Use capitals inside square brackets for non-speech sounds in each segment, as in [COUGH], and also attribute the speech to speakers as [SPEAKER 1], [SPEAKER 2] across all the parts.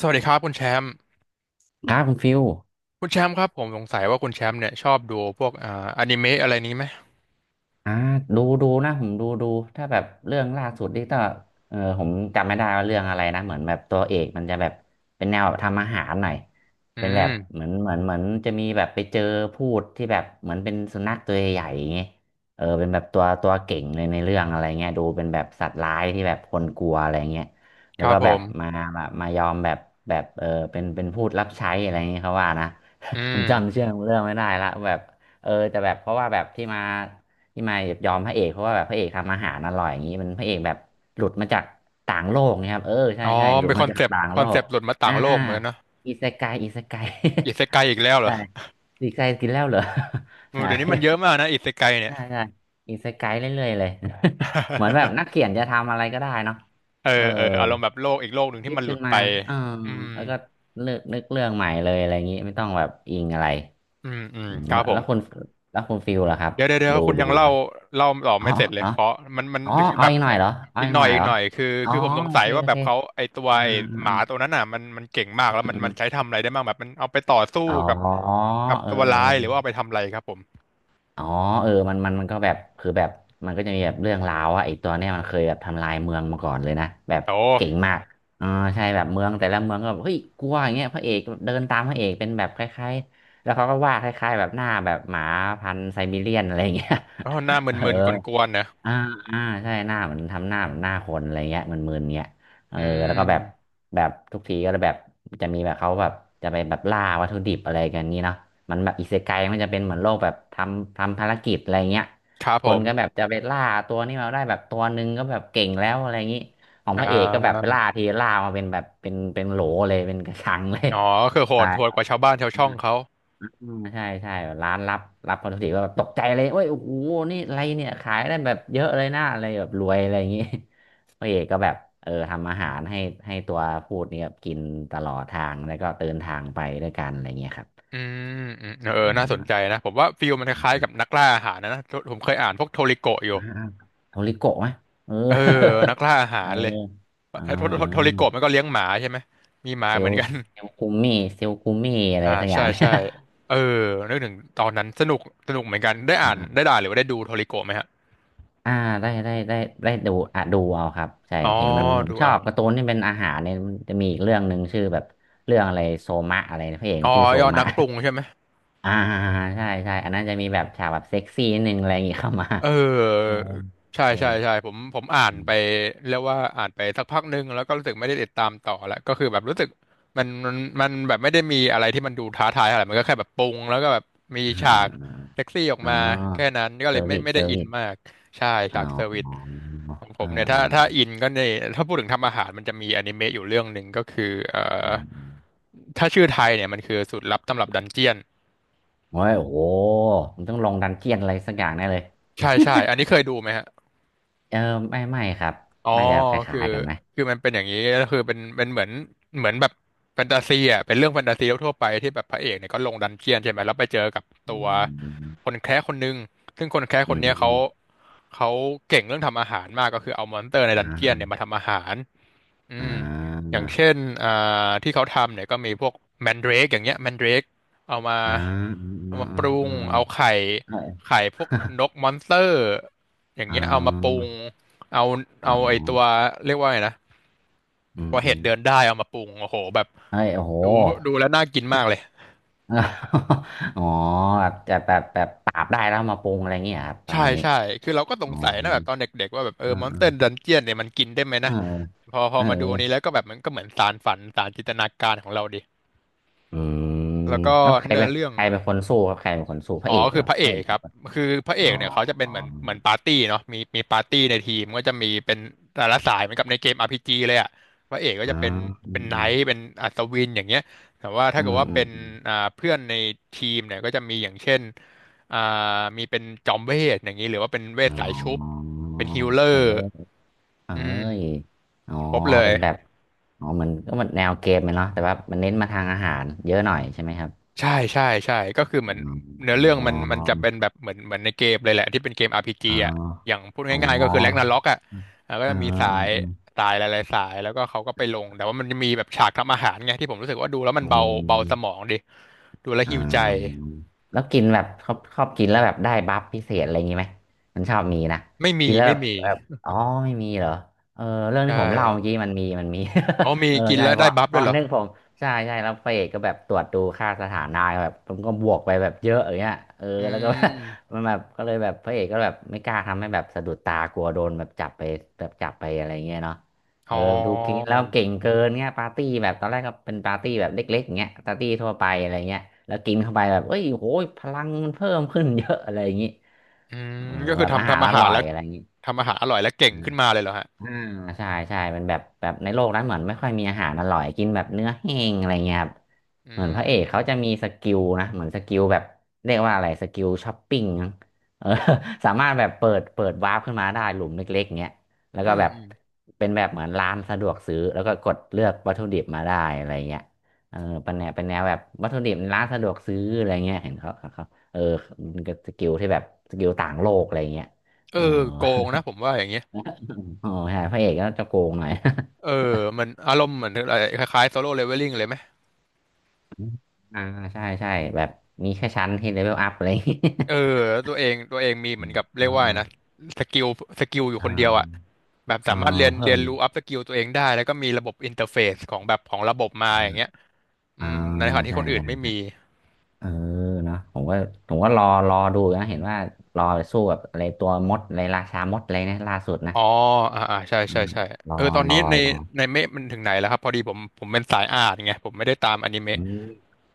[SPEAKER 1] สวัสดีครับคุณแชมป์
[SPEAKER 2] ครับคุณฟิล
[SPEAKER 1] คุณแชมป์ครับผมสงสัยว่าคุณแชมป์เนี่ยชอบดูพวกอนิเมะอะไรนี้ไหม
[SPEAKER 2] อ่าดูนะผมดูถ้าแบบเรื่องล่าสุดนี่ก็ผมจำไม่ได้ว่าเรื่องอะไรนะเหมือนแบบตัวเอกมันจะแบบเป็นแนวแบบทำอาหารหน่อย
[SPEAKER 1] อื
[SPEAKER 2] เป็นแบบ
[SPEAKER 1] ม
[SPEAKER 2] เหมือนจะมีแบบไปเจอพูดที่แบบเหมือนเป็นสุนัขตัวใหญ่ๆอย่างเงี้ยเออเป็นแบบตัวเก่งเลยในเรื่องอะไรเงี้ยดูเป็นแบบสัตว์ร้ายที่แบบคนกลัวอะไรเงี้ย
[SPEAKER 1] ค
[SPEAKER 2] แล้ว
[SPEAKER 1] รั
[SPEAKER 2] ก็
[SPEAKER 1] บผ
[SPEAKER 2] แบบ
[SPEAKER 1] ม
[SPEAKER 2] มาแบบมายอมแบบแบบเออเป็นพูดรับใช้อะไรเงี้ยเขาว่านะ
[SPEAKER 1] อื
[SPEAKER 2] [LAUGHS] ผมจำ
[SPEAKER 1] ม
[SPEAKER 2] เชื่อเรื่องไม่ได้ละแบบเออแต่แบบเพราะว่าแบบที่มา ที่มายแบบยอมพระเอกเพราะว่าแบบพระเอกทำอาหารอร่อยอย่างนี้มันพระเอกแบบหลุดมาจากต่างโลกนะครับเออใช่
[SPEAKER 1] อ๋อ
[SPEAKER 2] ใช่หลุ
[SPEAKER 1] เป็
[SPEAKER 2] ด
[SPEAKER 1] นค
[SPEAKER 2] มา
[SPEAKER 1] อน
[SPEAKER 2] จา
[SPEAKER 1] เซ
[SPEAKER 2] ก
[SPEAKER 1] ปต์
[SPEAKER 2] ต่าง
[SPEAKER 1] ค
[SPEAKER 2] โล
[SPEAKER 1] อนเซ
[SPEAKER 2] ก
[SPEAKER 1] ปต์หลุดมาต่า
[SPEAKER 2] อ่า
[SPEAKER 1] งโล
[SPEAKER 2] อ่า
[SPEAKER 1] กเหมือนกันเนอะ
[SPEAKER 2] อิเซไกอิเซไก
[SPEAKER 1] อิเซไกอีกแล้ว
[SPEAKER 2] [LAUGHS]
[SPEAKER 1] เหร
[SPEAKER 2] ใช่
[SPEAKER 1] อ
[SPEAKER 2] อิเซไกกินแล้วเหรอ [LAUGHS]
[SPEAKER 1] อืม
[SPEAKER 2] ใช่
[SPEAKER 1] เดี๋ยวนี้มันเยอะมากนะอิเซไกเนี่ย
[SPEAKER 2] ใช่ใช่อิเซไกเรื่อยๆเลย [LAUGHS] เหมือนแบบนัก
[SPEAKER 1] [LAUGHS]
[SPEAKER 2] เขียนจะทำอะไรก็ได้เนาะ
[SPEAKER 1] เออ
[SPEAKER 2] เออ
[SPEAKER 1] เอออารมณ์แบบโลกอีกโลกหนึ่งที่
[SPEAKER 2] คิด
[SPEAKER 1] มันหลุ
[SPEAKER 2] ขึ้น
[SPEAKER 1] ด
[SPEAKER 2] มา
[SPEAKER 1] ไป
[SPEAKER 2] เออ
[SPEAKER 1] อืม
[SPEAKER 2] แล้วก็เลือกนึกเรื่องใหม่เลยอะไรอย่างนี้ไม่ต้องแบบอิงอะไร
[SPEAKER 1] อืมอืม
[SPEAKER 2] อืม
[SPEAKER 1] ครับ
[SPEAKER 2] แล้ว
[SPEAKER 1] ผ
[SPEAKER 2] แล้
[SPEAKER 1] ม
[SPEAKER 2] วคุณแล้วคุณฟิลล่ะครับ
[SPEAKER 1] เดี๋ยวเดี๋ยวเดี๋ยว
[SPEAKER 2] ดู
[SPEAKER 1] คุณ
[SPEAKER 2] ดู
[SPEAKER 1] ยังเล่า
[SPEAKER 2] ไหม
[SPEAKER 1] เล่าต่อ
[SPEAKER 2] อ๋อ
[SPEAKER 1] ไม่เสร็จเล
[SPEAKER 2] อ๋
[SPEAKER 1] ย
[SPEAKER 2] อ
[SPEAKER 1] เคาะมันมัน
[SPEAKER 2] อ๋อ
[SPEAKER 1] คือ
[SPEAKER 2] เอา
[SPEAKER 1] แบบ
[SPEAKER 2] อีกหน่อยเหรอเอา
[SPEAKER 1] อีก
[SPEAKER 2] อีก
[SPEAKER 1] หน่
[SPEAKER 2] ห
[SPEAKER 1] อ
[SPEAKER 2] น่
[SPEAKER 1] ย
[SPEAKER 2] อย
[SPEAKER 1] อี
[SPEAKER 2] เหร
[SPEAKER 1] ก
[SPEAKER 2] อ
[SPEAKER 1] หน่อยคือ
[SPEAKER 2] อ๋อ
[SPEAKER 1] คือผมสง
[SPEAKER 2] โอ
[SPEAKER 1] สัย
[SPEAKER 2] เค
[SPEAKER 1] ว่า
[SPEAKER 2] โอ
[SPEAKER 1] แบ
[SPEAKER 2] เค
[SPEAKER 1] บเขาไอตัว
[SPEAKER 2] อ่า
[SPEAKER 1] ไอ
[SPEAKER 2] อ่า
[SPEAKER 1] ห
[SPEAKER 2] อ่า
[SPEAKER 1] มาตัวนั้นน่ะมันมันเก่งมาก
[SPEAKER 2] อืม
[SPEAKER 1] แล้วมัน
[SPEAKER 2] อืม
[SPEAKER 1] มันใช้ทำอะไรได้บ้างแบบมันเอาไปต่อสู้
[SPEAKER 2] อ๋อ
[SPEAKER 1] กับ
[SPEAKER 2] เออ
[SPEAKER 1] กับ
[SPEAKER 2] เออ
[SPEAKER 1] ตัวร้ายหรือว่าเอาไปทำอะไรครับผม
[SPEAKER 2] อ๋อเออมันก็แบบคือแบบมันก็จะมีแบบเรื่องราวว่าไอ้ตัวเนี้ยมันเคยแบบทำลายเมืองมาก่อนเลยนะแบบ
[SPEAKER 1] โอ้
[SPEAKER 2] เก่งมากอ่าใช่แบบเมืองแต่ละเมืองก็แบบเฮ้ยกลัวอย่างเงี้ยพระเอกเดินตามพระเอกเป็นแบบคล้ายๆแล้วเขาก็วาดคล้ายๆแบบหน้าแบบหมาพันธุ์ไซบีเรียนอะไรอย่างเงี้ย
[SPEAKER 1] โอ้หน้าม
[SPEAKER 2] [LAUGHS] เออ
[SPEAKER 1] ึนๆกวนๆนะ
[SPEAKER 2] อ่าอ่าใช่หน้าเหมือนทำหน้าเหมือนหน้าคนอะไรเงี้ยมนมึนๆเงี้ยเออ
[SPEAKER 1] อื
[SPEAKER 2] แล้วก็แบบ
[SPEAKER 1] ม
[SPEAKER 2] แบบทุกทีก็แบบจะมีแบบเขาแบบจะไปแบบล่าวัตถุดิบอะไรกันนี้เนาะมันแบบอิเซไกมันจะเป็นเหมือนโลกแบบทำภารกิจอะไรเงี้ย
[SPEAKER 1] ครับ
[SPEAKER 2] ค
[SPEAKER 1] ผ
[SPEAKER 2] น
[SPEAKER 1] ม
[SPEAKER 2] ก็แบบจะไปล่าตัวนี้มาได้แบบตัวหนึ่งก็แบบเก่งแล้วอะไรอย่างนี้ของ
[SPEAKER 1] อ่
[SPEAKER 2] พระเอกก็แบบไป
[SPEAKER 1] า
[SPEAKER 2] ล่าทีล่ามาเป็นแบบเป็นโหลเลยเป็นกระชังเลย
[SPEAKER 1] อ๋อคือโห
[SPEAKER 2] ใช่
[SPEAKER 1] ดโหดกว่าชาวบ้านชาวช่องเขา
[SPEAKER 2] อืมใช่ใช่แบบร้านรับรับพอดีก็แบบตกใจเลยเว้ยโอ้โหนี่อะไรเนี่ยขายได้แบบเยอะเลยนะอะไรแบบรวยอะไรอย่างงี้ [LAUGHS] พระเอกก็แบบเออทำอาหารให้ให้ตัวพูดเนี่ยกินตลอดทางแล้วก็เดินทางไปด้วยกันอะไรเงี้ยครับ
[SPEAKER 1] อืมอืมเออ
[SPEAKER 2] อ่
[SPEAKER 1] น่าสนใจ
[SPEAKER 2] า
[SPEAKER 1] นะผมว่าฟิลมันคล้ายๆกับ
[SPEAKER 2] อ่า
[SPEAKER 1] นักล่าอาหารนะนะผมเคยอ่านพวกโทริโกะอยู่
[SPEAKER 2] อ่าอ่าโทริโกะไหมเออ
[SPEAKER 1] เออนักล่าอา
[SPEAKER 2] [LAUGHS]
[SPEAKER 1] หา
[SPEAKER 2] เออ
[SPEAKER 1] รเลย
[SPEAKER 2] เออ
[SPEAKER 1] ไอ้โท
[SPEAKER 2] เอ
[SPEAKER 1] โทโทริโกะ
[SPEAKER 2] อ
[SPEAKER 1] มันก็เลี้ยงหมาใช่ไหมมีหมา
[SPEAKER 2] เซ
[SPEAKER 1] เห
[SPEAKER 2] ล
[SPEAKER 1] มือน
[SPEAKER 2] ล์
[SPEAKER 1] กัน
[SPEAKER 2] เซลล์คุมมี่เซลล์คุมมี่อะไร
[SPEAKER 1] อ่า
[SPEAKER 2] สักอย่า
[SPEAKER 1] ใช่
[SPEAKER 2] งเนี่ย
[SPEAKER 1] ใช่เออนึกถึงตอนนั้นสนุกสนุกเหมือนกันได้อ่าน
[SPEAKER 2] [LAUGHS]
[SPEAKER 1] ได้ด่านหรือว่าได้ดูโทริโกะไหมฮะ
[SPEAKER 2] อ่าได้ได้ดูอ่ะดูเอาครับใช่
[SPEAKER 1] อ๋อ
[SPEAKER 2] เห็นมันผม
[SPEAKER 1] ดู
[SPEAKER 2] ชอ
[SPEAKER 1] เอา
[SPEAKER 2] บการ์ตูนที่เป็นอาหารเนี่ยมันจะมีอีกเรื่องหนึ่งชื่อแบบเรื่องอะไรโซมะอะไรนะพระเอก
[SPEAKER 1] อ๋อ
[SPEAKER 2] ชื่อโซ
[SPEAKER 1] ยอด
[SPEAKER 2] มะ
[SPEAKER 1] นักปรุงใช่ไหม
[SPEAKER 2] อ่าใช่ใช่อันนั้นจะมีแบบฉากแบบเซ็กซี่นิดนึงอะไรอย่างงี้ [LAUGHS] เข้ามา
[SPEAKER 1] เอ
[SPEAKER 2] เออ
[SPEAKER 1] อใช่
[SPEAKER 2] เออ
[SPEAKER 1] ใช่ใช่ผมผมอ่าน
[SPEAKER 2] อื
[SPEAKER 1] ไป
[SPEAKER 2] ม
[SPEAKER 1] เรียกว่าอ่านไปสักพักหนึ่งแล้วก็รู้สึกไม่ได้ติดตามต่อแล้วก็คือแบบรู้สึกมันมันมันแบบไม่ได้มีอะไรที่มันดูท้าทายอะไรมันก็แค่แบบปรุงแล้วก็แบบมี
[SPEAKER 2] อ่
[SPEAKER 1] ฉาก
[SPEAKER 2] า
[SPEAKER 1] เซ็กซี่ออก
[SPEAKER 2] อ่า
[SPEAKER 1] มา
[SPEAKER 2] อ่า
[SPEAKER 1] แค่
[SPEAKER 2] อ๋อ
[SPEAKER 1] นั้นก็
[SPEAKER 2] เซ
[SPEAKER 1] เล
[SPEAKER 2] อ
[SPEAKER 1] ย
[SPEAKER 2] ร์
[SPEAKER 1] ไม่
[SPEAKER 2] วิส
[SPEAKER 1] ไม่
[SPEAKER 2] เซ
[SPEAKER 1] ได้
[SPEAKER 2] อร์
[SPEAKER 1] อิน
[SPEAKER 2] วิส
[SPEAKER 1] มากใช่
[SPEAKER 2] อ๋
[SPEAKER 1] ฉา
[SPEAKER 2] อ
[SPEAKER 1] กเซอร์วิส
[SPEAKER 2] เออ
[SPEAKER 1] ของผ
[SPEAKER 2] เอ
[SPEAKER 1] ม
[SPEAKER 2] อ
[SPEAKER 1] เนี่ยถ้าถ้า
[SPEAKER 2] เอ
[SPEAKER 1] อินก็เนี่ยถ้าพูดถึงทำอาหารมันจะมีอนิเมะอยู่เรื่องหนึ่งก็คืออ
[SPEAKER 2] อืมอืม
[SPEAKER 1] ถ้าชื่อไทยเนี่ยมันคือสูตรลับตำรับดันเจียน
[SPEAKER 2] โอ้ยโอ้โหมันต้องลงดันเจียนอะไรสักอย่างแน่เลย
[SPEAKER 1] ใช่ใช่อันนี้เคยดูไหมฮะ
[SPEAKER 2] [LAUGHS] เออไม่ครับ
[SPEAKER 1] อ๋อ
[SPEAKER 2] น่าจะค
[SPEAKER 1] คื
[SPEAKER 2] ล้า
[SPEAKER 1] อ
[SPEAKER 2] ยๆกันไหม
[SPEAKER 1] คือมันเป็นอย่างนี้ก็คือเป็นเป็นเหมือนเหมือนแบบแฟนตาซีอ่ะเป็นเรื่องแฟนตาซีทั่วๆไปที่แบบพระเอกเนี่ยก็ลงดันเจียนใช่ไหมแล้วไปเจอกับ
[SPEAKER 2] อื
[SPEAKER 1] ตัวคน
[SPEAKER 2] ม
[SPEAKER 1] แคระคนหนึ่งซึ่งคนแคระค
[SPEAKER 2] อื
[SPEAKER 1] นเนี้ยเขา
[SPEAKER 2] ม
[SPEAKER 1] เขาเก่งเรื่องทำอาหารมากก็คือเอามอนสเตอร์ในดัน
[SPEAKER 2] อ่า
[SPEAKER 1] เจียน
[SPEAKER 2] อ่า
[SPEAKER 1] เนี่ยมาทำอาหาร อื
[SPEAKER 2] อ่
[SPEAKER 1] ม
[SPEAKER 2] า
[SPEAKER 1] อย่างเช่นอ่าที่เขาทำเนี่ยก็มีพวกแมนเดรกอย่างเงี้ยแมนเดรกเอามา
[SPEAKER 2] อ่า
[SPEAKER 1] เอา
[SPEAKER 2] อ่า
[SPEAKER 1] มาปรุ
[SPEAKER 2] อ่า
[SPEAKER 1] งเอาไข่
[SPEAKER 2] ใช่
[SPEAKER 1] ไข่พวก
[SPEAKER 2] [LAUGHS]
[SPEAKER 1] นกมอนสเตอร์อย่าง
[SPEAKER 2] อ่
[SPEAKER 1] เงี้ยเอามาปรุ
[SPEAKER 2] า
[SPEAKER 1] งเอา
[SPEAKER 2] อ๋อ
[SPEAKER 1] เอาไอตัวเรียกว่าไงนะ
[SPEAKER 2] อืม
[SPEAKER 1] ตัว
[SPEAKER 2] อื
[SPEAKER 1] เห็ด
[SPEAKER 2] ม
[SPEAKER 1] เดินได้เอามาปรุงโอ้โหแบบ
[SPEAKER 2] เฮ้ยโอ้โห
[SPEAKER 1] ดูดูแล้วน่ากินมากเลย
[SPEAKER 2] [LAUGHS] อ๋อแบบจะแบบแบบปราบได้แล้วมาปรุงอะไรเงี้ยครับประ
[SPEAKER 1] ใช่
[SPEAKER 2] มาณนี้
[SPEAKER 1] ใช่คือเราก็ส
[SPEAKER 2] อ๋
[SPEAKER 1] ง
[SPEAKER 2] อ
[SPEAKER 1] สัยนะแบบตอนเด็กๆว่าแบบเออ
[SPEAKER 2] อ่
[SPEAKER 1] มอนสเตอร์ดั
[SPEAKER 2] า
[SPEAKER 1] นเจียนเนี่ยมันกินได้ไหมนะ
[SPEAKER 2] อ่า
[SPEAKER 1] พอพ
[SPEAKER 2] เอ
[SPEAKER 1] อ
[SPEAKER 2] อ
[SPEAKER 1] มาดูอันนี้แล้วก็แบบมันก็เหมือนสานฝันสานจินตนาการของเราดิ
[SPEAKER 2] เอออืม
[SPEAKER 1] แล้วก็
[SPEAKER 2] แล้วใคร
[SPEAKER 1] เนื้
[SPEAKER 2] เป็
[SPEAKER 1] อ
[SPEAKER 2] น
[SPEAKER 1] เรื่อง
[SPEAKER 2] ใครเป็นคนสู้ครับใครเป็นคนสู้พ
[SPEAKER 1] อ๋
[SPEAKER 2] ระ
[SPEAKER 1] อ
[SPEAKER 2] เอก
[SPEAKER 1] คื
[SPEAKER 2] เห
[SPEAKER 1] อ
[SPEAKER 2] รอ
[SPEAKER 1] พระเอ
[SPEAKER 2] พระเอ
[SPEAKER 1] ก
[SPEAKER 2] ก
[SPEAKER 1] ค
[SPEAKER 2] เป็
[SPEAKER 1] รั
[SPEAKER 2] น
[SPEAKER 1] บ
[SPEAKER 2] คน
[SPEAKER 1] คือพระเอ
[SPEAKER 2] อ๋อ
[SPEAKER 1] กเนี่ยเขาจะเป็
[SPEAKER 2] อ๋
[SPEAKER 1] น
[SPEAKER 2] อ
[SPEAKER 1] เหมือนเหมือนปาร์ตี้เนาะมีมีปาร์ตี้ในทีมก็จะมีเป็นแต่ละสายเหมือนกับในเกม RPG เลยอ่ะพระเอกก็
[SPEAKER 2] อ๋อ
[SPEAKER 1] จะเป็น
[SPEAKER 2] อื
[SPEAKER 1] เป็น
[SPEAKER 2] ม
[SPEAKER 1] ไน
[SPEAKER 2] อื
[SPEAKER 1] ท์เป็นอัศวินอย่างเงี้ยแต่ว่า
[SPEAKER 2] ม
[SPEAKER 1] ถ้า
[SPEAKER 2] อื
[SPEAKER 1] เกิด
[SPEAKER 2] ม
[SPEAKER 1] ว่า
[SPEAKER 2] อื
[SPEAKER 1] เป็น
[SPEAKER 2] ม
[SPEAKER 1] เพื่อนในทีมเนี่ยก็จะมีอย่างเช่นอ่ามีเป็นจอมเวทอย่างนี้หรือว่าเป็นเวท
[SPEAKER 2] อ๋
[SPEAKER 1] สายชุบ
[SPEAKER 2] อ
[SPEAKER 1] เป็นฮีลเลอ
[SPEAKER 2] เออ
[SPEAKER 1] ร์
[SPEAKER 2] เอ้
[SPEAKER 1] อืม
[SPEAKER 2] ยอ๋อ
[SPEAKER 1] ครบเลย
[SPEAKER 2] เป็นแบบ อ๋อเหมือนก็มันแนวเกมเลยเนาะแต่ว่ามันเน้นมาทางอาหารเยอะหน่อยใช่ไหมครับ
[SPEAKER 1] ใช่ ใช่ ใช่ ก็คือเหมือนเนื้อเรื่อง
[SPEAKER 2] อ๋อ
[SPEAKER 1] มันมันจะเป็นแบบเหมือนเหมือนในเกมเลยแหละที่เป็นเกม RPG
[SPEAKER 2] อ๋อ
[SPEAKER 1] อ่ะ อย่างพูด
[SPEAKER 2] อ๋อ
[SPEAKER 1] ง่ายๆ
[SPEAKER 2] อ๋
[SPEAKER 1] ก็
[SPEAKER 2] อ
[SPEAKER 1] คือแร็กนาร็อกอ่ะก็
[SPEAKER 2] เออ
[SPEAKER 1] จะมีสา
[SPEAKER 2] เออ
[SPEAKER 1] ย
[SPEAKER 2] เออ
[SPEAKER 1] สายหลายๆสายแล้วก็เขาก็ไปลง แต่ว่ามันจะมีแบบฉากทำอาหารไงที่ผมรู้สึกว่าดูแล้วมัน
[SPEAKER 2] อื
[SPEAKER 1] เบาเบาสม
[SPEAKER 2] ม
[SPEAKER 1] องดิ ดูแล้ว
[SPEAKER 2] อ่
[SPEAKER 1] หิวใจ
[SPEAKER 2] าแล้วกินแบบชอบกินแล้วแบบได้บัฟพิเศษอะไรอย่างงี้ไหมมันชอบมีนะ
[SPEAKER 1] ไม่มี
[SPEAKER 2] กินแล้ว
[SPEAKER 1] ไม่
[SPEAKER 2] แบบ
[SPEAKER 1] มี
[SPEAKER 2] แบบอ๋อไม่มีเหรอเออเรื่อง
[SPEAKER 1] ใช่
[SPEAKER 2] ที่ผมเล่าเมื่อกี้มันมี [LAUGHS] มันมี
[SPEAKER 1] อ๋อมี
[SPEAKER 2] [LAUGHS] เออ
[SPEAKER 1] กิน
[SPEAKER 2] ใช่
[SPEAKER 1] แล้ว
[SPEAKER 2] พ
[SPEAKER 1] ได้
[SPEAKER 2] อ
[SPEAKER 1] บัฟ
[SPEAKER 2] พ
[SPEAKER 1] ด้ว
[SPEAKER 2] อ
[SPEAKER 1] ยเหรอ
[SPEAKER 2] นึกผมใช่ใช่แล้วพระเอกก็แบบตรวจดูค่าสถานะแบบผมก็บวกไปแบบเยอะอย่างเงี้ยเออ
[SPEAKER 1] อื
[SPEAKER 2] แล้วก็ [LAUGHS]
[SPEAKER 1] ม
[SPEAKER 2] มันแบบก็เลยแบบพระเอกก็แบบไม่กล้าทำให้แบบสะดุดตากลัวโดนแบบจับไปแบบจับไปอะไรอย่างเงี้ยเนาะ
[SPEAKER 1] อ๋
[SPEAKER 2] เอ
[SPEAKER 1] อ
[SPEAKER 2] อ ดูกินแล้วเก่งเกินเงี้ยปาร์ตี้แบบตอนแรกก็เป็นปาร์ตี้แบบเล็กๆเงี้ยปาร์ตี้ทั่วไปอะไรเงี้ย แล้วกินเข้าไปแบบเอ้ยโหยพลังมันเพิ่มขึ้นเยอะอะไรอย่างงี้
[SPEAKER 1] อืม
[SPEAKER 2] เออ
[SPEAKER 1] ก็คื
[SPEAKER 2] แบ
[SPEAKER 1] อ
[SPEAKER 2] บอา
[SPEAKER 1] ทำ
[SPEAKER 2] หาร
[SPEAKER 1] ทำอา
[SPEAKER 2] อ
[SPEAKER 1] หาร
[SPEAKER 2] ร่อย
[SPEAKER 1] แล้ว
[SPEAKER 2] อะไรอย่างงี้
[SPEAKER 1] ทำอาหารอร่อยแล้วเก่งขึ้นมาเลยเหรอฮะ
[SPEAKER 2] อ่าใช่ใช่มันแบบในโลกนั้นเหมือนไม่ค่อยมีอาหารอร่อยกินแบบเนื้อแห้งอะไรเงี้ยครับ
[SPEAKER 1] อื
[SPEAKER 2] เหมือนพระเอกเขาจะมี
[SPEAKER 1] ม
[SPEAKER 2] สกิลนะเหมือนสกิลแบบเรียกว่าอะไรสกิลช้อปปิ้งมั้งเออ [LAUGHS] สามารถแบบเปิดวาร์ปขึ้นมาได้หลุมเล็กๆเงี้ยแล้ว
[SPEAKER 1] อื
[SPEAKER 2] ก็
[SPEAKER 1] ม
[SPEAKER 2] แบบ
[SPEAKER 1] อืม
[SPEAKER 2] เป็นแบบเหมือนร้านสะดวกซื้อแล้วก็กดเลือกวัตถุดิบมาได้อะไรเงี้ยเออเป็นแนวเป็นแนวแบบวัตถุดิบในร้านสะดวกซื้ออะไรเงี้ยเห็นเขาเออมันก็สกิลที่แบบสกิลต่างโลกอะไรเงี้ย
[SPEAKER 1] เออ
[SPEAKER 2] เออ
[SPEAKER 1] โกงนะผมว่าอย่างเงี้ย
[SPEAKER 2] [LAUGHS] อ๋อใช่พระเอกก็จะโกงหน่อย [LAUGHS]
[SPEAKER 1] เออมันอารมณ์เหมือนอะไรคล้ายๆโซโล่เลเวลลิ่งเลยไหม
[SPEAKER 2] อ่าใช่ใช่แบบมีแค่ชั้นที่เลเวลอัพอะไรอย่างงี้
[SPEAKER 1] เออแล้วตัวเองมี
[SPEAKER 2] [LAUGHS]
[SPEAKER 1] เห
[SPEAKER 2] อื
[SPEAKER 1] มือน
[SPEAKER 2] ม
[SPEAKER 1] กับเรี
[SPEAKER 2] อ่า
[SPEAKER 1] ยกว่าไงนะสกิลสกิลอยู่
[SPEAKER 2] อ่
[SPEAKER 1] คนเดียวอะ
[SPEAKER 2] า
[SPEAKER 1] แบบสา
[SPEAKER 2] อ่า
[SPEAKER 1] มารถเรีย
[SPEAKER 2] อ่า
[SPEAKER 1] น
[SPEAKER 2] เพิ่
[SPEAKER 1] เรียน
[SPEAKER 2] ม
[SPEAKER 1] รู้อัพสกิลตัวเองได้แล้วก็มีระบบอินเทอร์เฟซของระบบมาอย่างเงี้
[SPEAKER 2] อ่า
[SPEAKER 1] ยอื
[SPEAKER 2] อ่า
[SPEAKER 1] มในขณะที่
[SPEAKER 2] ใช่
[SPEAKER 1] คนอื่น
[SPEAKER 2] ใช่
[SPEAKER 1] ไม่
[SPEAKER 2] ใช่
[SPEAKER 1] มี
[SPEAKER 2] เออเนาะผมก็ผมก็รอดูนะเห็นว่ารอไปสู้กับอะไรตัวมดอะไรราชามดอะไรนะล่าสุดนะ
[SPEAKER 1] อ๋ออ่าอ่าใช่
[SPEAKER 2] อื
[SPEAKER 1] ใช่
[SPEAKER 2] ม
[SPEAKER 1] ใช่
[SPEAKER 2] รอ
[SPEAKER 1] เออตอน
[SPEAKER 2] ร
[SPEAKER 1] นี้
[SPEAKER 2] อ
[SPEAKER 1] ใน
[SPEAKER 2] รอ
[SPEAKER 1] ในเมะมันถึงไหนแล้วครับพอดีผมเป็นสายอ่านไงผมไม่ได้ตามอนิ
[SPEAKER 2] อื
[SPEAKER 1] เมะ
[SPEAKER 2] ม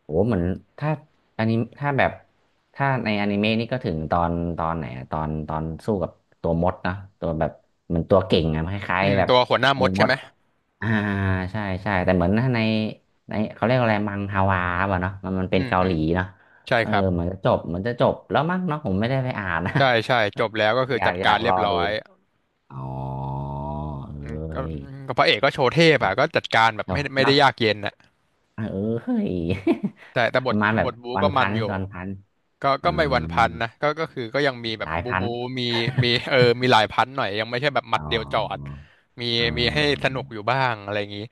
[SPEAKER 2] โหเหมือนถ้าอันนี้ถ้าแบบถ้าในอนิเมะนี่ก็ถึงตอนตอนไหนอะตอนตอนสู้กับตัวมดนะตัวแบบเหมือนตัวเก่งอะคล้า
[SPEAKER 1] อื
[SPEAKER 2] ย
[SPEAKER 1] ม
[SPEAKER 2] ๆแบบ
[SPEAKER 1] ตัวหัวหน้าม
[SPEAKER 2] มัน
[SPEAKER 1] ด
[SPEAKER 2] ม
[SPEAKER 1] ใช่
[SPEAKER 2] ด
[SPEAKER 1] ไหม
[SPEAKER 2] อ่าใช่ใช่แต่เหมือนถ้าในในเขาเรียกอะไรมังฮวาป่ะเนาะมัน
[SPEAKER 1] อื
[SPEAKER 2] เป็น
[SPEAKER 1] ม
[SPEAKER 2] เกา
[SPEAKER 1] อื
[SPEAKER 2] ห
[SPEAKER 1] ม
[SPEAKER 2] ลีเนาะ
[SPEAKER 1] ใช่
[SPEAKER 2] เออ
[SPEAKER 1] ครับ
[SPEAKER 2] เหมือนจะจบเหมือนจะจบแล้วมั้งเนาะผมไม่ได้ไปอ่านนะ
[SPEAKER 1] ใช่ใช่จบแล้วก็คื
[SPEAKER 2] [LAUGHS]
[SPEAKER 1] อ
[SPEAKER 2] อยา
[SPEAKER 1] จั
[SPEAKER 2] ก
[SPEAKER 1] ด
[SPEAKER 2] อยา
[SPEAKER 1] การ
[SPEAKER 2] ก
[SPEAKER 1] เรี
[SPEAKER 2] ร
[SPEAKER 1] ย
[SPEAKER 2] อ
[SPEAKER 1] บ
[SPEAKER 2] ดู
[SPEAKER 1] ร้อย
[SPEAKER 2] อ๋อเอ
[SPEAKER 1] อืม
[SPEAKER 2] ้
[SPEAKER 1] ก็
[SPEAKER 2] ย
[SPEAKER 1] ก็พระเอกก็โชว์เทพอ่ะ
[SPEAKER 2] เ
[SPEAKER 1] ก็จัดการแบบ
[SPEAKER 2] นา
[SPEAKER 1] ไม่
[SPEAKER 2] ะ
[SPEAKER 1] ได้ยากเย็นน่ะ
[SPEAKER 2] เออเฮ้ย
[SPEAKER 1] แต่บ
[SPEAKER 2] [LAUGHS] ป
[SPEAKER 1] ท
[SPEAKER 2] ระมาณแบ
[SPEAKER 1] บ
[SPEAKER 2] บ
[SPEAKER 1] ทบู
[SPEAKER 2] วั
[SPEAKER 1] ก็
[SPEAKER 2] น
[SPEAKER 1] มั
[SPEAKER 2] พั
[SPEAKER 1] น
[SPEAKER 2] น
[SPEAKER 1] อยู่
[SPEAKER 2] ตอนพัน
[SPEAKER 1] ก็
[SPEAKER 2] อ่า
[SPEAKER 1] ก็ไม่วันพันนะก็คือก็ยังมีแบ
[SPEAKER 2] ห
[SPEAKER 1] บ
[SPEAKER 2] ลาย
[SPEAKER 1] บู
[SPEAKER 2] พัน
[SPEAKER 1] บูมีมีเออมีหลายพันหน่อยยังไม่ใช่แบบหมั
[SPEAKER 2] อ๋
[SPEAKER 1] ด
[SPEAKER 2] อ
[SPEAKER 1] เดียวจอดมีมีให้ส
[SPEAKER 2] ออ
[SPEAKER 1] นุกอยู่บ้างอะไรอย่างนี้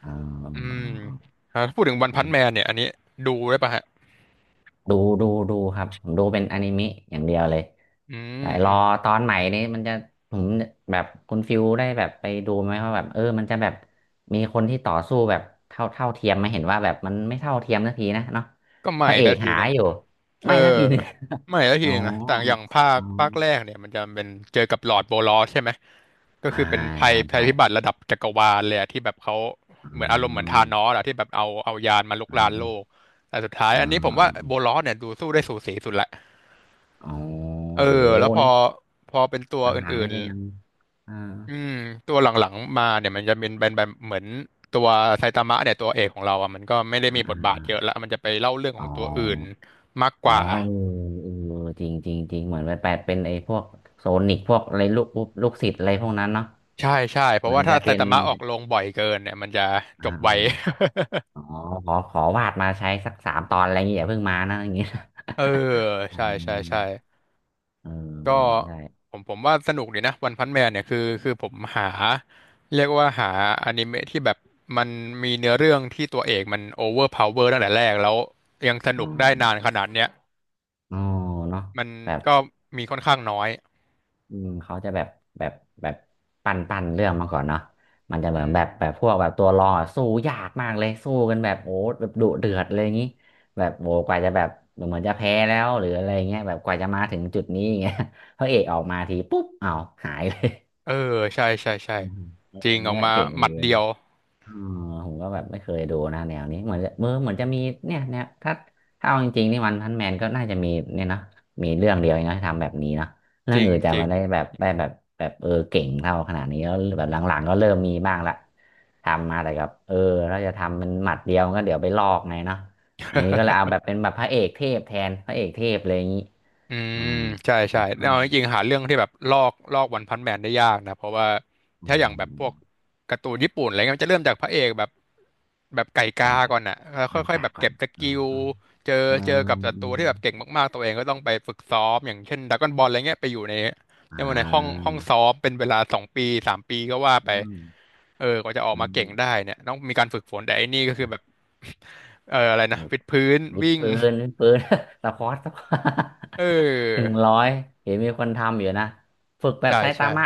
[SPEAKER 2] เออ
[SPEAKER 1] อืม
[SPEAKER 2] เออ
[SPEAKER 1] ถ้าพูดถึงวันพันแมนเนี่ยอันนี้ดูได้ปะฮะ
[SPEAKER 2] ดูดูดูครับผมดูเป็นอนิเมะอย่างเดียวเลย
[SPEAKER 1] อืม
[SPEAKER 2] แต่
[SPEAKER 1] อื
[SPEAKER 2] รอ
[SPEAKER 1] ม
[SPEAKER 2] ตอนใหม่นี้มันจะผมแบบคุณฟิวได้แบบไปดูไหมว่าแบบเออมันจะแบบมีคนที่ต่อสู้แบบเท่าเท่าเทียมไหมเห็นว่าแบบมันไม่เท่าเทียมสักทีนะเนาะ
[SPEAKER 1] ก็ให
[SPEAKER 2] พ
[SPEAKER 1] ม่
[SPEAKER 2] ระเอ
[SPEAKER 1] แล้ว
[SPEAKER 2] ก
[SPEAKER 1] ที
[SPEAKER 2] หา
[SPEAKER 1] หนึ่ง
[SPEAKER 2] อยู่
[SPEAKER 1] เออ
[SPEAKER 2] ไม่สักทีหนึ่ง
[SPEAKER 1] ไม่แล้ว
[SPEAKER 2] [LAUGHS] อ๋
[SPEAKER 1] ที
[SPEAKER 2] อ
[SPEAKER 1] หนึ่งนะแต่อย่างภา
[SPEAKER 2] อ๋
[SPEAKER 1] ค
[SPEAKER 2] อ
[SPEAKER 1] ภาคแรกเนี่ยมันจะเป็นเจอกับลอร์ดโบลอสใช่ไหมก็
[SPEAKER 2] อ่า
[SPEAKER 1] คือเป็นภัย
[SPEAKER 2] ใช่
[SPEAKER 1] ภัย
[SPEAKER 2] ใช่
[SPEAKER 1] พิบัติระดับจักรวาลเลยอะที่แบบเขา
[SPEAKER 2] อื
[SPEAKER 1] เหมือนอารมณ์เหมือนธา
[SPEAKER 2] ม
[SPEAKER 1] นอสอะที่แบบเอายานมาลุก
[SPEAKER 2] อื
[SPEAKER 1] รานโล
[SPEAKER 2] ม
[SPEAKER 1] กแต่สุดท้าย
[SPEAKER 2] อื
[SPEAKER 1] อัน
[SPEAKER 2] ม
[SPEAKER 1] นี้ผม
[SPEAKER 2] อื
[SPEAKER 1] ว่า
[SPEAKER 2] มอม
[SPEAKER 1] โบลอสเนี่ยดูสู้ได้สูสีสุดละ
[SPEAKER 2] อ๋อ
[SPEAKER 1] เอ
[SPEAKER 2] โอ้
[SPEAKER 1] อแล้วพอ
[SPEAKER 2] นี่
[SPEAKER 1] พอเป็นตัว
[SPEAKER 2] ห
[SPEAKER 1] อ
[SPEAKER 2] ลังๆ
[SPEAKER 1] ื่
[SPEAKER 2] นี่
[SPEAKER 1] น
[SPEAKER 2] ก็ยังอ่า
[SPEAKER 1] ๆอืมตัวหลังๆมาเนี่ยมันจะเป็นแบบเหมือนตัวไซตามะเนี่ยตัวเอกของเราอ่ะมันก็ไม่ได้มี
[SPEAKER 2] อ่า
[SPEAKER 1] บทบาท
[SPEAKER 2] อ่า
[SPEAKER 1] เยอะละมันจะไปเล่าเรื่องข
[SPEAKER 2] อ๋อ
[SPEAKER 1] องตัวอื่นมากก
[SPEAKER 2] อ๋อ
[SPEAKER 1] ว่า
[SPEAKER 2] เออเออจริงจริงจริงเหมือนไปแปดเป็นไอ้พวกโซนิกพวกอะไรลูกปุ๊บลูกศิษย์อะไรพวกนั้นเนาะ
[SPEAKER 1] ใช่ใช่เพ
[SPEAKER 2] เหมื
[SPEAKER 1] ราะ
[SPEAKER 2] อน
[SPEAKER 1] ว่าถ้า
[SPEAKER 2] จะ
[SPEAKER 1] ไซ
[SPEAKER 2] เป็น
[SPEAKER 1] ตามะออกลงบ่อยเกินเนี่ยมันจะจ
[SPEAKER 2] อ่
[SPEAKER 1] บไว
[SPEAKER 2] า
[SPEAKER 1] [LAUGHS]
[SPEAKER 2] อ๋อขอขอวาดมาใช้สักสามตอนอะไรอย่างเงี้ยอย่าเพิ่งมานะอย่างเงี้ย
[SPEAKER 1] เออ
[SPEAKER 2] [LAUGHS] อ๋
[SPEAKER 1] ใช่ใช่ใช่
[SPEAKER 2] อเออ
[SPEAKER 1] ก็
[SPEAKER 2] เออใช่
[SPEAKER 1] ผมว่าสนุกดีนะวันพันแมนเนี่ยคือผมหาเรียกว่าหาอนิเมะที่แบบมันมีเนื้อเรื่องที่ตัวเอกมันโอเวอร์พาวเวอร์ตั้งแต่แรกแล้วยังสนุ
[SPEAKER 2] อ
[SPEAKER 1] กได้
[SPEAKER 2] ม
[SPEAKER 1] นานขนาดเนี้ย
[SPEAKER 2] อ๋อเนาะ
[SPEAKER 1] มัน
[SPEAKER 2] แบบ
[SPEAKER 1] ก็มีค่อนข้างน้อย
[SPEAKER 2] อืมเขาจะแบบแบบแบบปั่นปั่นเรื่องมาก่อนเนาะมันจะเหมือ
[SPEAKER 1] อื
[SPEAKER 2] น
[SPEAKER 1] ม
[SPEAKER 2] แบบพวกแบบตัวรองอะสู้ยากมากเลยสู้กันแบบโอ้แบบดุเดือดเลยอย่างงี้แบบโอ้กว่าจะแบบเหมือนจะแพ้แล้วหรืออะไรเงี้ยแบบกว่าจะมาถึงจุดนี้อย่างเงี้ย [LAUGHS] พระเอกออกมาทีปุ๊บอ้าวหายเลย
[SPEAKER 1] เออใช่ใช่ใช่
[SPEAKER 2] อืม [LAUGHS] เออ
[SPEAKER 1] จริงออก
[SPEAKER 2] เนี่ย
[SPEAKER 1] มา
[SPEAKER 2] เจ๋ง
[SPEAKER 1] หมั
[SPEAKER 2] ดี
[SPEAKER 1] ดเดียว
[SPEAKER 2] อ๋อผมก็แบบไม่เคยดูนะแนวนี้เหมือนจะเมือเหมือนจะมีเนี่ยเนี่ยถ้าถ้าเอาจริงๆนี่วันพันแมนก็น่าจะมีเนี่ยเนอะมีเรื่องเดียวเองเนอะที่ทำแบบนี้เนอะเรื่
[SPEAKER 1] จ
[SPEAKER 2] อง
[SPEAKER 1] ริง
[SPEAKER 2] อื่นจะ
[SPEAKER 1] จริง
[SPEAKER 2] ไมาได้แบบได้แบบแบบเออเก่งเท่าขนาดนี้แล้วแบบหลังๆก็เริ่มมีบ้างละทำมาแต่กับเออเราจะทำมันหมัดเดียวก็เดี๋ยวไปลอกไงเนาะอย่างนี้ก็เลยเอาแบบเป็นแบบพระเอกเทพแทนพระเอกเทพเลยอย่างนี้
[SPEAKER 1] อื
[SPEAKER 2] อื
[SPEAKER 1] ม
[SPEAKER 2] ม
[SPEAKER 1] ใช่
[SPEAKER 2] อืม
[SPEAKER 1] ใช่
[SPEAKER 2] อืม
[SPEAKER 1] เอาจริงๆหาเรื่องที่แบบลอกวันพันแมนได้ยากนะเพราะว่า
[SPEAKER 2] อื
[SPEAKER 1] ถ้าอย่างแบบพ
[SPEAKER 2] ม
[SPEAKER 1] วกการ์ตูนญี่ปุ่นอะไรเงี้ยมันจะเริ่มจากพระเอกแบบไก่
[SPEAKER 2] อะ
[SPEAKER 1] กา
[SPEAKER 2] ไรแบบ
[SPEAKER 1] ก่อนอ่ะแล้วค่
[SPEAKER 2] น้ำ
[SPEAKER 1] อยๆ
[SPEAKER 2] ตา
[SPEAKER 1] แบบ
[SPEAKER 2] ก่อ
[SPEAKER 1] เก็
[SPEAKER 2] น
[SPEAKER 1] บส
[SPEAKER 2] อ๋อ
[SPEAKER 1] กิล
[SPEAKER 2] อ๋อ
[SPEAKER 1] เจอ
[SPEAKER 2] อ๋
[SPEAKER 1] เจอกับศัต
[SPEAKER 2] อ
[SPEAKER 1] รูที่แบบเก่งมากๆตัวเองก็ต้องไปฝึกซ้อมอย่างเช่นดราก้อนบอลอะไรเงี้ยไปอยู่ใน
[SPEAKER 2] อ๋
[SPEAKER 1] เรียกว่าในห้องซ้
[SPEAKER 2] อ
[SPEAKER 1] อมเป็นเวลา2 ปี3 ปีก็ว่า
[SPEAKER 2] อื
[SPEAKER 1] ไป
[SPEAKER 2] ม
[SPEAKER 1] เออกว่าจะออก
[SPEAKER 2] อื
[SPEAKER 1] มาเก่งได้
[SPEAKER 2] ม
[SPEAKER 1] เนี่ยต้องมีการฝึกฝนแต่ไอ้นี่ก็คือแบบ [LAUGHS] เอออะไร
[SPEAKER 2] เอ
[SPEAKER 1] นะ
[SPEAKER 2] อ
[SPEAKER 1] วิดพื้น
[SPEAKER 2] วิด
[SPEAKER 1] วิ่ง
[SPEAKER 2] พื้นวิดพื้น [LAUGHS] สควอต
[SPEAKER 1] เอ
[SPEAKER 2] [LAUGHS] ห
[SPEAKER 1] อ
[SPEAKER 2] นึ่งร้อยเห็นมีคนทำอยู่นะฝึกแบบ
[SPEAKER 1] ใช่
[SPEAKER 2] ไซตา
[SPEAKER 1] ใช่
[SPEAKER 2] มะ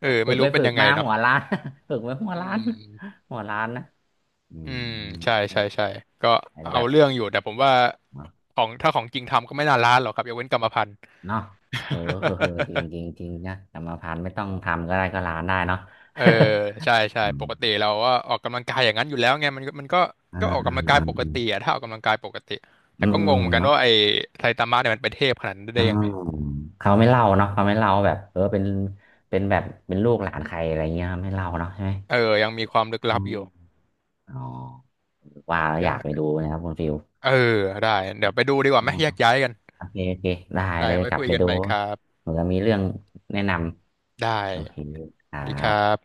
[SPEAKER 1] เออ
[SPEAKER 2] ฝึ
[SPEAKER 1] ไม่
[SPEAKER 2] กไป
[SPEAKER 1] รู้เป็น
[SPEAKER 2] ฝึก
[SPEAKER 1] ยังไง
[SPEAKER 2] มา
[SPEAKER 1] เนาะ
[SPEAKER 2] หัวล้าน [LAUGHS] ฝึกไปหัว
[SPEAKER 1] อื
[SPEAKER 2] ล้าน
[SPEAKER 1] ม
[SPEAKER 2] [LAUGHS] หัวล้านนะอื
[SPEAKER 1] อื
[SPEAKER 2] ม
[SPEAKER 1] มใช่ใช่ใช่ก็
[SPEAKER 2] อาจจะ
[SPEAKER 1] เอา
[SPEAKER 2] แบบ
[SPEAKER 1] เรื่องอยู่แต่ผมว่า
[SPEAKER 2] เนาะ
[SPEAKER 1] ของถ้าของจริงทำก็ไม่น่าล้านหรอกครับยกเว้นกรรมพันธุ์
[SPEAKER 2] เนาะเออ [LAUGHS] เออเออจริงจริง
[SPEAKER 1] [LAUGHS]
[SPEAKER 2] จริงนะกรรมพันธุ์ไม่ต้องทำก็ได้ก็ล้านได้เนาะ
[SPEAKER 1] เออใช่ใช่ปกติ
[SPEAKER 2] [LAUGHS] อ
[SPEAKER 1] เราก็ออกกำลังกายอย่างนั้นอยู่แล้วไงมันก็มันก็
[SPEAKER 2] อ
[SPEAKER 1] ก็ออกกำลังกายปก
[SPEAKER 2] อืม
[SPEAKER 1] ติอะถ้าออกกำลังกายปกติแต่
[SPEAKER 2] อื
[SPEAKER 1] ก็ง
[SPEAKER 2] ม
[SPEAKER 1] งเหมือนกัน
[SPEAKER 2] เนาะ
[SPEAKER 1] ว่าไอ้ไซตามะเนี่ยมันเป็นเทพขนาดนั้นได้
[SPEAKER 2] อ่า
[SPEAKER 1] ยังไง
[SPEAKER 2] เขาไม่เล่าเนาะเขาไม่เล่าแบบเออเป็นเป็นแบบเป็นลูกหลานใครอะไรเงี้ยไม่เล่าเนาะใช่ไหม
[SPEAKER 1] เออยังมีความลึก
[SPEAKER 2] อื
[SPEAKER 1] ลับอ
[SPEAKER 2] ม
[SPEAKER 1] ยู่
[SPEAKER 2] อ๋อว่าแล้วอยากไป
[SPEAKER 1] ใช่
[SPEAKER 2] ดูนะครับคุณฟิล
[SPEAKER 1] เออได้เดี๋ยวไปดูดีกว่า
[SPEAKER 2] อ๋อ
[SPEAKER 1] ไหมแยกย้ายกัน
[SPEAKER 2] โอเคโอเคได้
[SPEAKER 1] ได้
[SPEAKER 2] เลย
[SPEAKER 1] ไว้
[SPEAKER 2] กลับ
[SPEAKER 1] คุย
[SPEAKER 2] ไป
[SPEAKER 1] กัน
[SPEAKER 2] ดู
[SPEAKER 1] ใหม่ครับ
[SPEAKER 2] เหมือนมีเรื่องแนะน
[SPEAKER 1] ได้
[SPEAKER 2] ำโอเคค
[SPEAKER 1] ส
[SPEAKER 2] รั
[SPEAKER 1] วัสดีค
[SPEAKER 2] บ
[SPEAKER 1] รับ